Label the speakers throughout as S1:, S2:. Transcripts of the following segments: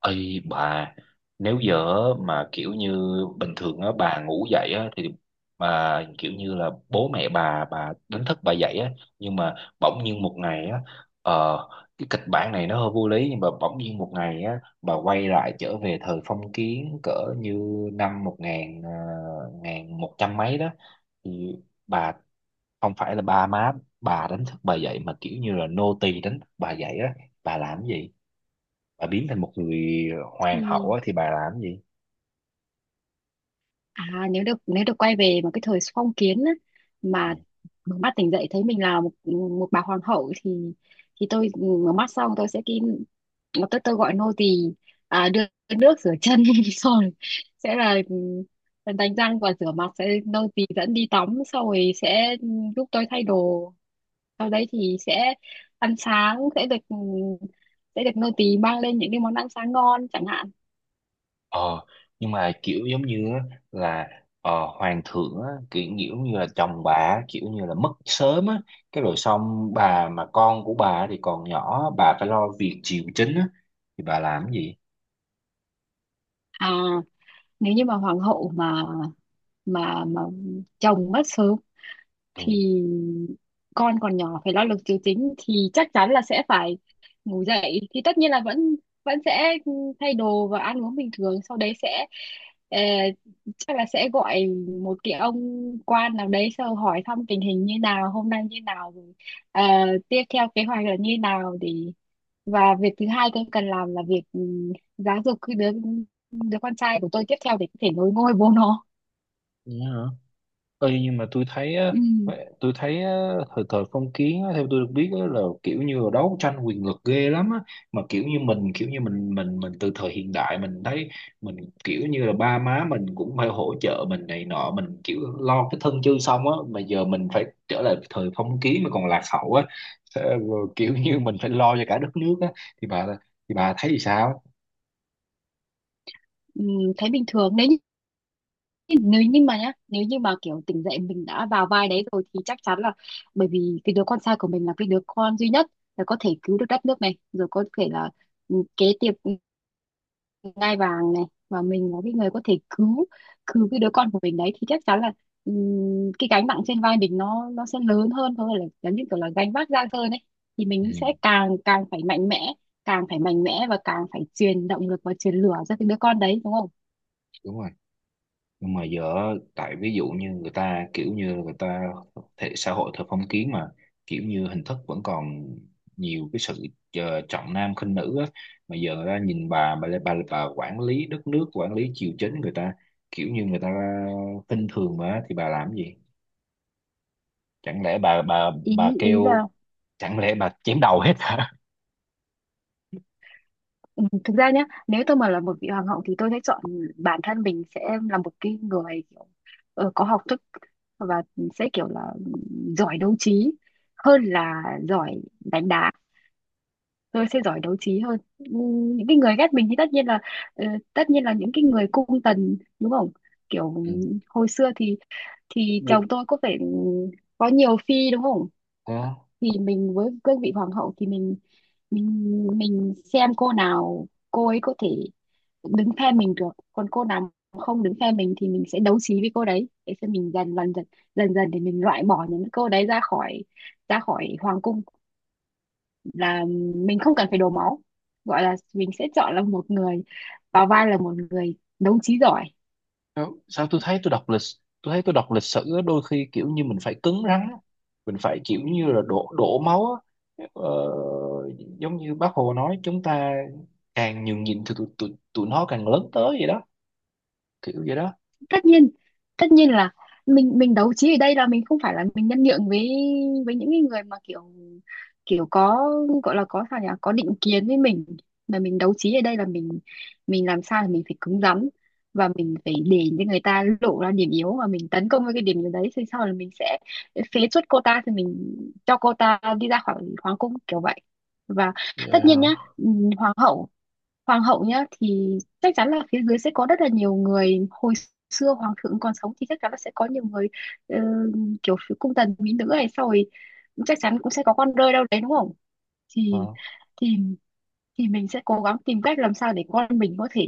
S1: Ây bà, nếu giờ mà kiểu như bình thường á bà ngủ dậy á thì mà kiểu như là bố mẹ bà đánh thức bà dậy á, nhưng mà bỗng nhiên một ngày á, ờ, cái kịch bản này nó hơi vô lý, nhưng mà bỗng nhiên một ngày á bà quay lại trở về thời phong kiến cỡ như năm ngàn một trăm mấy đó, thì bà không phải là ba má bà đánh thức bà dậy mà kiểu như là nô tì đánh thức bà dậy á. Bà làm cái gì? Bà biến thành một người hoàng hậu
S2: Ừ.
S1: á, thì bà làm gì?
S2: À nếu được quay về mà cái thời phong kiến á,
S1: Ừ.
S2: mà mở mắt tỉnh dậy thấy mình là một một bà hoàng hậu thì tôi mở mắt xong tôi sẽ kín tôi gọi nô tỳ đưa nước rửa chân rồi sẽ là, đánh răng và rửa mặt, sẽ nô tỳ dẫn đi tắm xong rồi sẽ giúp tôi thay đồ. Sau đấy thì sẽ ăn sáng, sẽ được, sẽ được nô tỳ mang lên những cái món ăn sáng ngon chẳng hạn.
S1: ờ nhưng mà kiểu giống như á, là ờ, hoàng thượng á, kiểu kiểu như là chồng bà á, kiểu như là mất sớm á, cái rồi xong bà mà con của bà thì còn nhỏ, bà phải lo việc triều chính á, thì bà làm gì?
S2: À nếu như mà hoàng hậu mà mà mà chồng mất sớm
S1: À,
S2: thì con còn nhỏ phải lo lực triều chính thì chắc chắn là sẽ phải ngủ dậy. Thì tất nhiên là vẫn vẫn sẽ thay đồ và ăn uống bình thường, sau đấy sẽ ờ, chắc là sẽ gọi một cái ông quan nào đấy sau hỏi thăm tình hình như nào, hôm nay như nào rồi, ờ, tiếp theo kế hoạch là như nào. Để và việc thứ hai tôi cần làm là việc giáo dục cái đứa đứa con trai của tôi tiếp theo để có thể nối ngôi bố nó.
S1: thế hả? Ê, nhưng mà tôi thấy á,
S2: Ừ.
S1: tôi thấy á, thời thời phong kiến á, theo tôi được biết á, là kiểu như là đấu tranh quyền lực ghê lắm á, mà kiểu như mình kiểu như mình từ thời hiện đại mình thấy mình kiểu như là ba má mình cũng phải hỗ trợ mình này nọ, mình kiểu lo cái thân chưa xong á mà giờ mình phải trở lại thời phong kiến mà còn lạc hậu á. Thế rồi kiểu như mình phải lo cho cả đất nước á, thì bà thì bà thấy thì sao?
S2: Ừ, thấy bình thường. Nếu nếu như mà nhá, nếu như mà kiểu tỉnh dậy mình đã vào vai đấy rồi thì chắc chắn là bởi vì cái đứa con trai của mình là cái đứa con duy nhất, là có thể cứu được đất nước này rồi, có thể là kế tiếp ngai vàng này. Và mình là cái người có thể cứu cứu cái đứa con của mình đấy thì chắc chắn là, cái gánh nặng trên vai mình nó sẽ lớn hơn thôi, là giống như kiểu là gánh vác nặng hơn ấy. Thì mình sẽ
S1: Ừ,
S2: càng càng phải mạnh mẽ, càng phải mạnh mẽ và càng phải truyền động lực và truyền lửa cho cái đứa con đấy, đúng không?
S1: đúng rồi. Nhưng mà giờ tại ví dụ như người ta kiểu như người ta thể xã hội theo phong kiến mà kiểu như hình thức vẫn còn nhiều cái sự trọng nam khinh nữ á, mà giờ người ta nhìn bà quản lý đất nước quản lý triều chính, người ta kiểu như người ta khinh thường mà thì bà làm gì? Chẳng lẽ bà bà
S2: ý
S1: bà
S2: ý là.
S1: kêu, chẳng lẽ bà chém đầu hết hả?
S2: Ừ, thực ra nhá, nếu tôi mà là một vị hoàng hậu thì tôi sẽ chọn bản thân mình sẽ là một cái người kiểu, có học thức, và sẽ kiểu là giỏi đấu trí hơn là giỏi đánh đá. Tôi sẽ giỏi đấu trí hơn. Ừ, những cái người ghét mình thì tất nhiên là, ờ, tất nhiên là những cái người cung tần, đúng không? Kiểu
S1: Ừ.
S2: hồi xưa thì chồng tôi có phải có nhiều phi, đúng không?
S1: Ủa?
S2: Thì mình với cương vị hoàng hậu thì mình xem cô nào cô ấy có thể đứng phe mình được, còn cô nào không đứng phe mình thì mình sẽ đấu trí với cô đấy để xem mình dần dần dần dần dần để mình loại bỏ những cô đấy ra khỏi hoàng cung, là mình không cần phải đổ máu. Gọi là mình sẽ chọn là một người, vào vai là một người đấu trí giỏi.
S1: Đâu, sao tôi thấy tôi đọc lịch sử á, đôi khi kiểu như mình phải cứng rắn á. Mình phải kiểu như là đổ đổ máu á. ờ, Giống như bác Hồ nói chúng ta càng nhường nhịn thì tụi nó càng lớn tới vậy đó, kiểu vậy đó.
S2: Tất nhiên tất nhiên là mình đấu trí ở đây là mình không phải là mình nhân nhượng với những cái người mà kiểu kiểu có gọi là có sao nhỉ, có định kiến với mình. Mà mình đấu trí ở đây là mình làm sao là mình phải cứng rắn, và mình phải để cho người ta lộ ra điểm yếu và mình tấn công với cái điểm yếu đấy, thì sau là mình sẽ phế truất cô ta, thì mình cho cô ta đi ra khỏi hoàng cung kiểu vậy. Và
S1: Vậy
S2: tất nhiên
S1: hả?
S2: nhá, ừ, hoàng hậu hoàng hậu nhá thì chắc chắn là phía dưới sẽ có rất là nhiều người. Hồi xưa hoàng thượng còn sống thì chắc chắn là sẽ có nhiều người, ờ, kiểu phía cung tần mỹ nữ này, sau rồi chắc chắn cũng sẽ có con rơi đâu đấy, đúng không? Thì
S1: Ờ.
S2: thì mình sẽ cố gắng tìm cách làm sao để con mình có thể,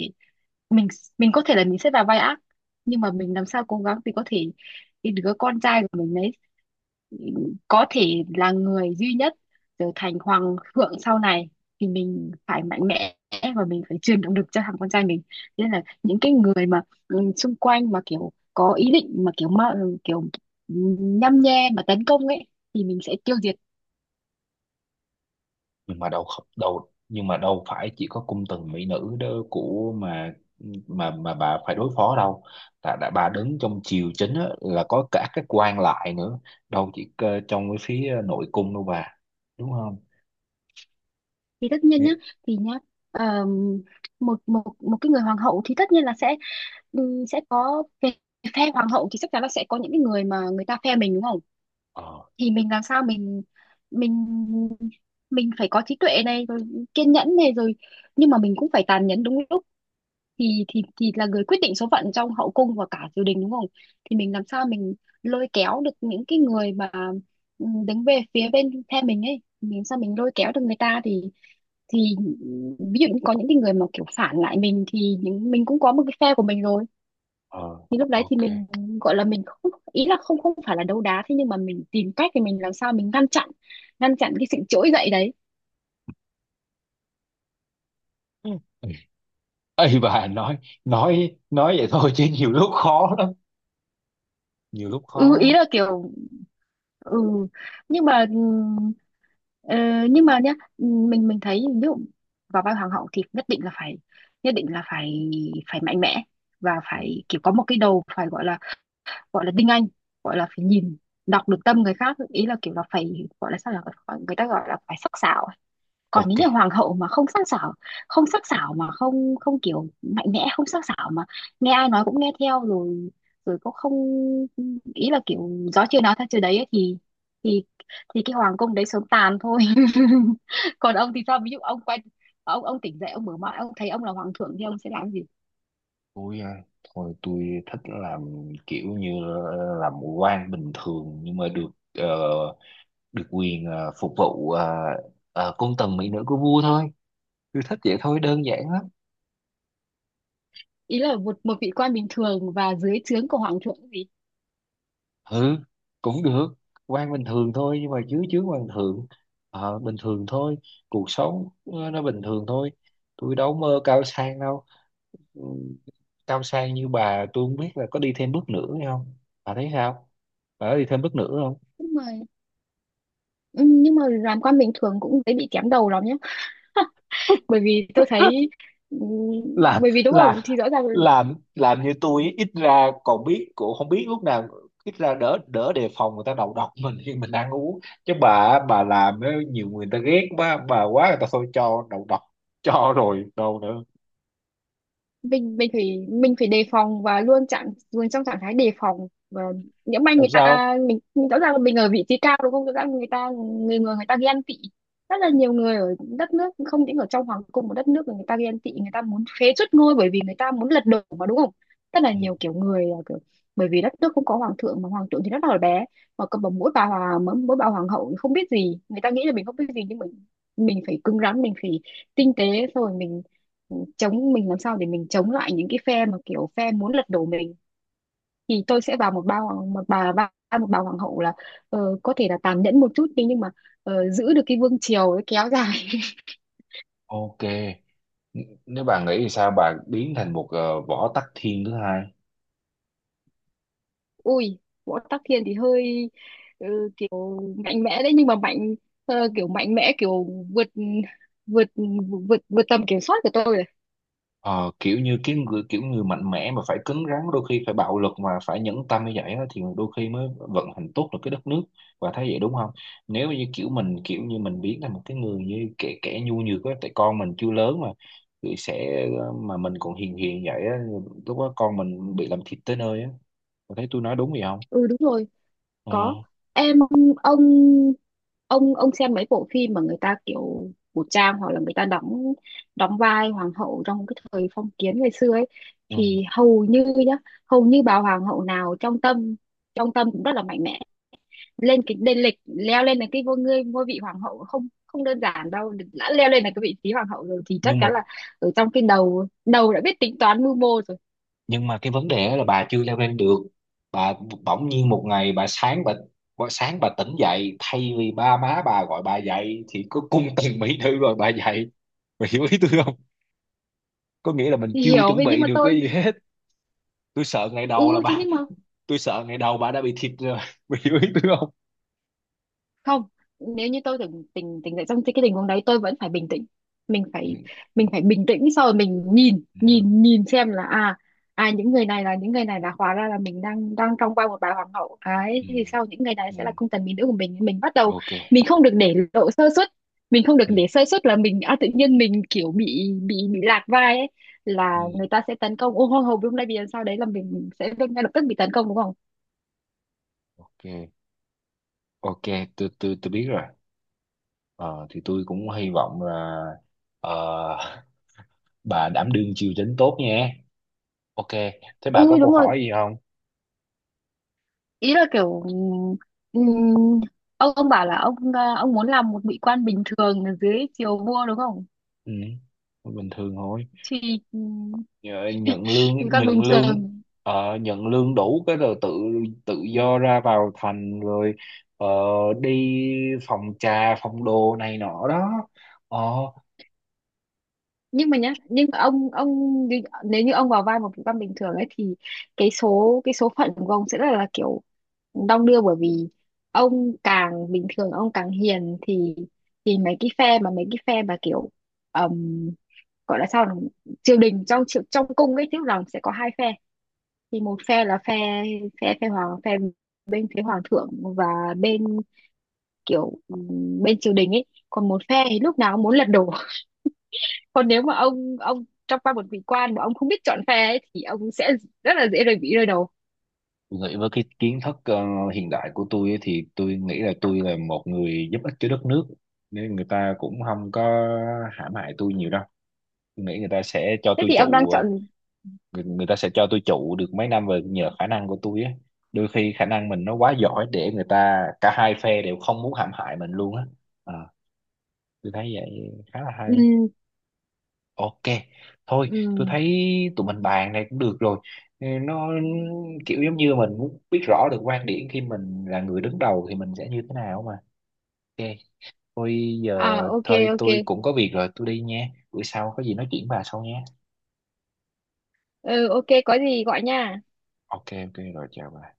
S2: mình mình có thể là mình sẽ vào vai ác, nhưng mà mình làm sao cố gắng thì có thể cái đứa con trai của mình đấy có thể là người duy nhất trở thành hoàng thượng sau này. Thì mình phải mạnh mẽ và mình phải truyền động lực cho thằng con trai mình. Thế nên là những cái người mà, xung quanh mà kiểu có ý định mà kiểu nhăm nhe mà tấn công ấy thì mình sẽ tiêu diệt.
S1: Nhưng mà đâu không- đâu, nhưng mà đâu phải chỉ có cung tần mỹ nữ đó của mà mà bà phải đối phó đâu, là đã bà đứng trong triều chính á, là có cả các quan lại nữa, đâu chỉ trong cái phía nội cung đâu bà, đúng không?
S2: Thì tất nhiên nhá.
S1: Nghĩ-
S2: Thì nhá ờm, một một một cái người hoàng hậu thì tất nhiên là sẽ, sẽ có về phe hoàng hậu thì chắc chắn là sẽ có những cái người mà người ta phe mình, đúng không?
S1: ờ,
S2: Thì mình làm sao mình mình phải có trí tuệ này rồi, kiên nhẫn này rồi, nhưng mà mình cũng phải tàn nhẫn đúng lúc, thì là người quyết định số phận trong hậu cung và cả triều đình, đúng không? Thì mình làm sao mình lôi kéo được những cái người mà, đứng về phía bên phe mình ấy, mình sao mình lôi kéo được người ta thì thì ví dụ như có những cái người mà kiểu phản lại mình, thì những mình cũng có một cái phe của mình rồi,
S1: ờ,
S2: thì lúc đấy thì
S1: ok.
S2: mình gọi là mình không, ý là không không phải là đấu đá, thế nhưng mà mình tìm cách thì mình làm sao mình ngăn chặn, ngăn chặn cái sự trỗi dậy đấy.
S1: Ừ. Ấy bà nói, nói vậy thôi chứ nhiều lúc khó lắm, nhiều lúc khó
S2: Ừ, ý
S1: lắm.
S2: là kiểu ừ nhưng mà, ờ, nhưng mà nhá, mình thấy ví dụ vào vai hoàng hậu thì nhất định là phải phải mạnh mẽ, và
S1: Ừ.
S2: phải kiểu có một cái đầu phải gọi là tinh anh, gọi là phải nhìn đọc được tâm người khác. Ý là kiểu là phải gọi là sao, là người ta gọi là phải sắc sảo. Còn nếu
S1: Ok.
S2: như hoàng hậu mà không sắc sảo, không sắc sảo mà không không kiểu mạnh mẽ, không sắc sảo mà nghe ai nói cũng nghe theo, rồi rồi cũng không, ý là kiểu gió chưa nói theo chưa đấy ấy, thì thì cái hoàng cung đấy sớm tàn thôi. Còn ông thì sao, ví dụ ông quay, ông tỉnh dậy ông mở mắt ông thấy ông là hoàng thượng thì ông sẽ làm gì?
S1: Tôi à, thôi tôi thích làm kiểu như làm quan bình thường nhưng mà được được quyền phục vụ cung tần mỹ nữ của vua thôi. Tôi thích vậy thôi, đơn giản lắm.
S2: Ý là một một vị quan bình thường và dưới trướng của hoàng thượng gì?
S1: Ừ, cũng được. Quan bình thường thôi nhưng mà chứ chứ quan thượng bình thường thôi, cuộc sống nó bình thường thôi, tôi đâu mơ cao sang đâu. Ừ, cao sang như bà tôi không biết là có đi thêm bước nữa hay không, bà thấy sao, bà có đi thêm bước nữa không?
S2: Nhưng mà, ừ, nhưng mà làm quan bình thường cũng dễ bị kém đầu lắm nhé. Bởi vì tôi thấy, ừ,
S1: làm
S2: bởi vì đúng
S1: làm
S2: không, thì rõ ràng
S1: làm như tôi ấy, ít ra còn biết cũng không biết lúc nào, ít ra đỡ đỡ đề phòng người ta đầu độc mình khi mình ăn uống, chứ bà làm á, nhiều người ta ghét quá, bà quá người ta thôi cho đầu độc cho rồi đâu nữa
S2: mình phải đề phòng và luôn trong trạng thái đề phòng. Và nhỡ may
S1: làm
S2: người
S1: sao.
S2: ta mình rõ ràng là mình ở vị trí cao, đúng không, rõ ràng người ta, người người người ta ghen tị. Rất là nhiều người ở đất nước, không những ở trong hoàng cung một đất nước mà người ta ghen tị, người ta muốn phế truất ngôi bởi vì người ta muốn lật đổ mà, đúng không? Rất là
S1: Ừ.
S2: nhiều kiểu người là kiểu, bởi vì đất nước không có hoàng thượng mà hoàng thượng thì rất là bé, mà cầm bằng mỗi bà hoàng hậu thì không biết gì, người ta nghĩ là mình không biết gì nhưng mình phải cứng rắn, mình phải tinh tế, xong rồi mình mình làm sao để mình chống lại những cái phe mà kiểu phe muốn lật đổ mình. Thì tôi sẽ vào một ba hoàng một bà ba một bà hoàng hậu là, có thể là tàn nhẫn một chút đi, nhưng mà, giữ được cái vương triều ấy kéo dài.
S1: Ok. Nếu bà nghĩ thì sao bà biến thành một Võ Tắc Thiên thứ hai?
S2: Ui, võ tắc thiên thì hơi, ờ, kiểu mạnh mẽ đấy, nhưng mà kiểu mạnh mẽ, kiểu vượt vượt vượt vượt tầm kiểm soát của tôi rồi.
S1: Ờ, kiểu như cái người kiểu người mạnh mẽ mà phải cứng rắn đôi khi phải bạo lực mà phải nhẫn tâm như vậy á, thì đôi khi mới vận hành tốt được cái đất nước, và thấy vậy đúng không? Nếu như kiểu mình kiểu như mình biến thành một cái người như kẻ kẻ nhu nhược á tại con mình chưa lớn mà thì sẽ, mà mình còn hiền hiền vậy á, lúc đó con mình bị làm thịt tới nơi á. Bà thấy tôi nói đúng gì không?
S2: Ừ đúng rồi.
S1: Ờ,
S2: Có em, ông xem mấy bộ phim mà người ta kiểu cổ trang, hoặc là người ta đóng đóng vai hoàng hậu trong cái thời phong kiến ngày xưa ấy,
S1: ừ.
S2: thì hầu như nhá, hầu như bà hoàng hậu nào trong tâm, cũng rất là mạnh mẽ. Lên cái lên lịch leo lên được cái ngôi ngôi ngôi vị hoàng hậu không không đơn giản đâu. Đã leo lên được cái vị trí hoàng hậu rồi thì chắc
S1: nhưng mà
S2: chắn là ở trong cái đầu đầu đã biết tính toán mưu mô rồi.
S1: nhưng mà cái vấn đề là bà chưa leo lên được. Bà bỗng nhiên một ngày bà sáng bà tỉnh dậy thay vì ba má bà gọi bà dậy thì có cung tần mỹ nữ gọi bà dậy, bà hiểu ý tôi không? Có nghĩa là mình
S2: Thì
S1: chưa
S2: hiểu
S1: chuẩn
S2: thế nhưng
S1: bị
S2: mà
S1: được
S2: tôi,
S1: cái gì hết. Tôi sợ ngày đầu là
S2: ừ thế
S1: bà,
S2: nhưng mà
S1: tôi sợ ngày đầu bà đã bị thịt rồi bà hiểu ý tôi không?
S2: không, nếu như tôi từng tình tình tỉnh dậy trong cái tình huống đấy, tôi vẫn phải bình tĩnh, mình
S1: Ừ,
S2: phải, bình tĩnh. Sau rồi mình nhìn
S1: ừ,
S2: nhìn nhìn xem là à, những người này là, hóa ra là mình đang đang trong vai một bà hoàng hậu ấy,
S1: ừ,
S2: thì sau những người này
S1: ừ, ừ.
S2: sẽ là cung tần mỹ nữ của mình, bắt đầu,
S1: Ok.
S2: mình không được để lộ sơ suất, mình không được
S1: Ừ,
S2: để sơ suất, là mình tự nhiên mình kiểu bị lạc vai ấy, là
S1: ừ,
S2: người ta sẽ tấn công. Ô hô hô, đúng đây, vì sao đấy là mình sẽ ngay lập tức bị tấn công, đúng không?
S1: ok, ok. Tôi biết rồi. Ờ, thì tôi cũng hy vọng là ờ, bà đảm đương triều chính tốt nha. Ok, thế bà
S2: Ừ
S1: có câu
S2: đúng rồi.
S1: hỏi gì không?
S2: Ý là kiểu, ông bảo là ông ông muốn làm một vị quan bình thường ở dưới triều vua, đúng không?
S1: Ừ, bình thường thôi.
S2: Thì,
S1: Nhận
S2: vị
S1: lương,
S2: quan
S1: nhận
S2: bình
S1: lương,
S2: thường,
S1: nhận lương đủ cái rồi tự tự do ra vào thành rồi ờ, đi phòng trà, phòng đồ này nọ đó. Ờ,
S2: nhưng mà nhá, nhưng mà ông nếu như ông vào vai một vị quan bình thường ấy thì cái số phận của ông sẽ rất là kiểu đong đưa. Bởi vì ông càng bình thường ông càng hiền thì mấy cái phe mà kiểu, ừm, gọi là sao nhỉ? Triều đình, trong cung ấy tức rằng sẽ có hai phe. Thì một phe là phe phe bên phía hoàng thượng, và bên, kiểu bên triều đình ấy, còn một phe thì lúc nào cũng muốn lật đổ. Còn nếu mà ông trong vai một vị quan mà ông không biết chọn phe ấy, thì ông sẽ rất là dễ bị rơi đầu.
S1: nghĩ với cái kiến thức hiện đại của tôi ấy thì tôi nghĩ là tôi là một người giúp ích cho đất nước. Nên người ta cũng không có hãm hại tôi nhiều đâu. Tôi nghĩ người ta sẽ cho
S2: Thế
S1: tôi
S2: thì ông đang
S1: trụ,
S2: chọn,
S1: người ta sẽ cho tôi trụ được mấy năm về nhờ khả năng của tôi á, đôi khi khả năng mình nó quá giỏi để người ta cả hai phe đều không muốn hãm hại mình luôn á. À, tôi thấy vậy khá là hay.
S2: ừm,
S1: Ok, thôi tôi
S2: ừm.
S1: thấy tụi mình bàn này cũng được rồi. Ừ, nó kiểu giống như mình muốn biết rõ được quan điểm khi mình là người đứng đầu thì mình sẽ như thế nào mà. Ok, thôi giờ
S2: À, ok
S1: thôi
S2: ok.
S1: tôi cũng có việc rồi tôi đi nha, buổi sau có gì nói chuyện bà sau nhé.
S2: Ừ, ok có gì gọi nha.
S1: Ok, ok rồi, chào bà.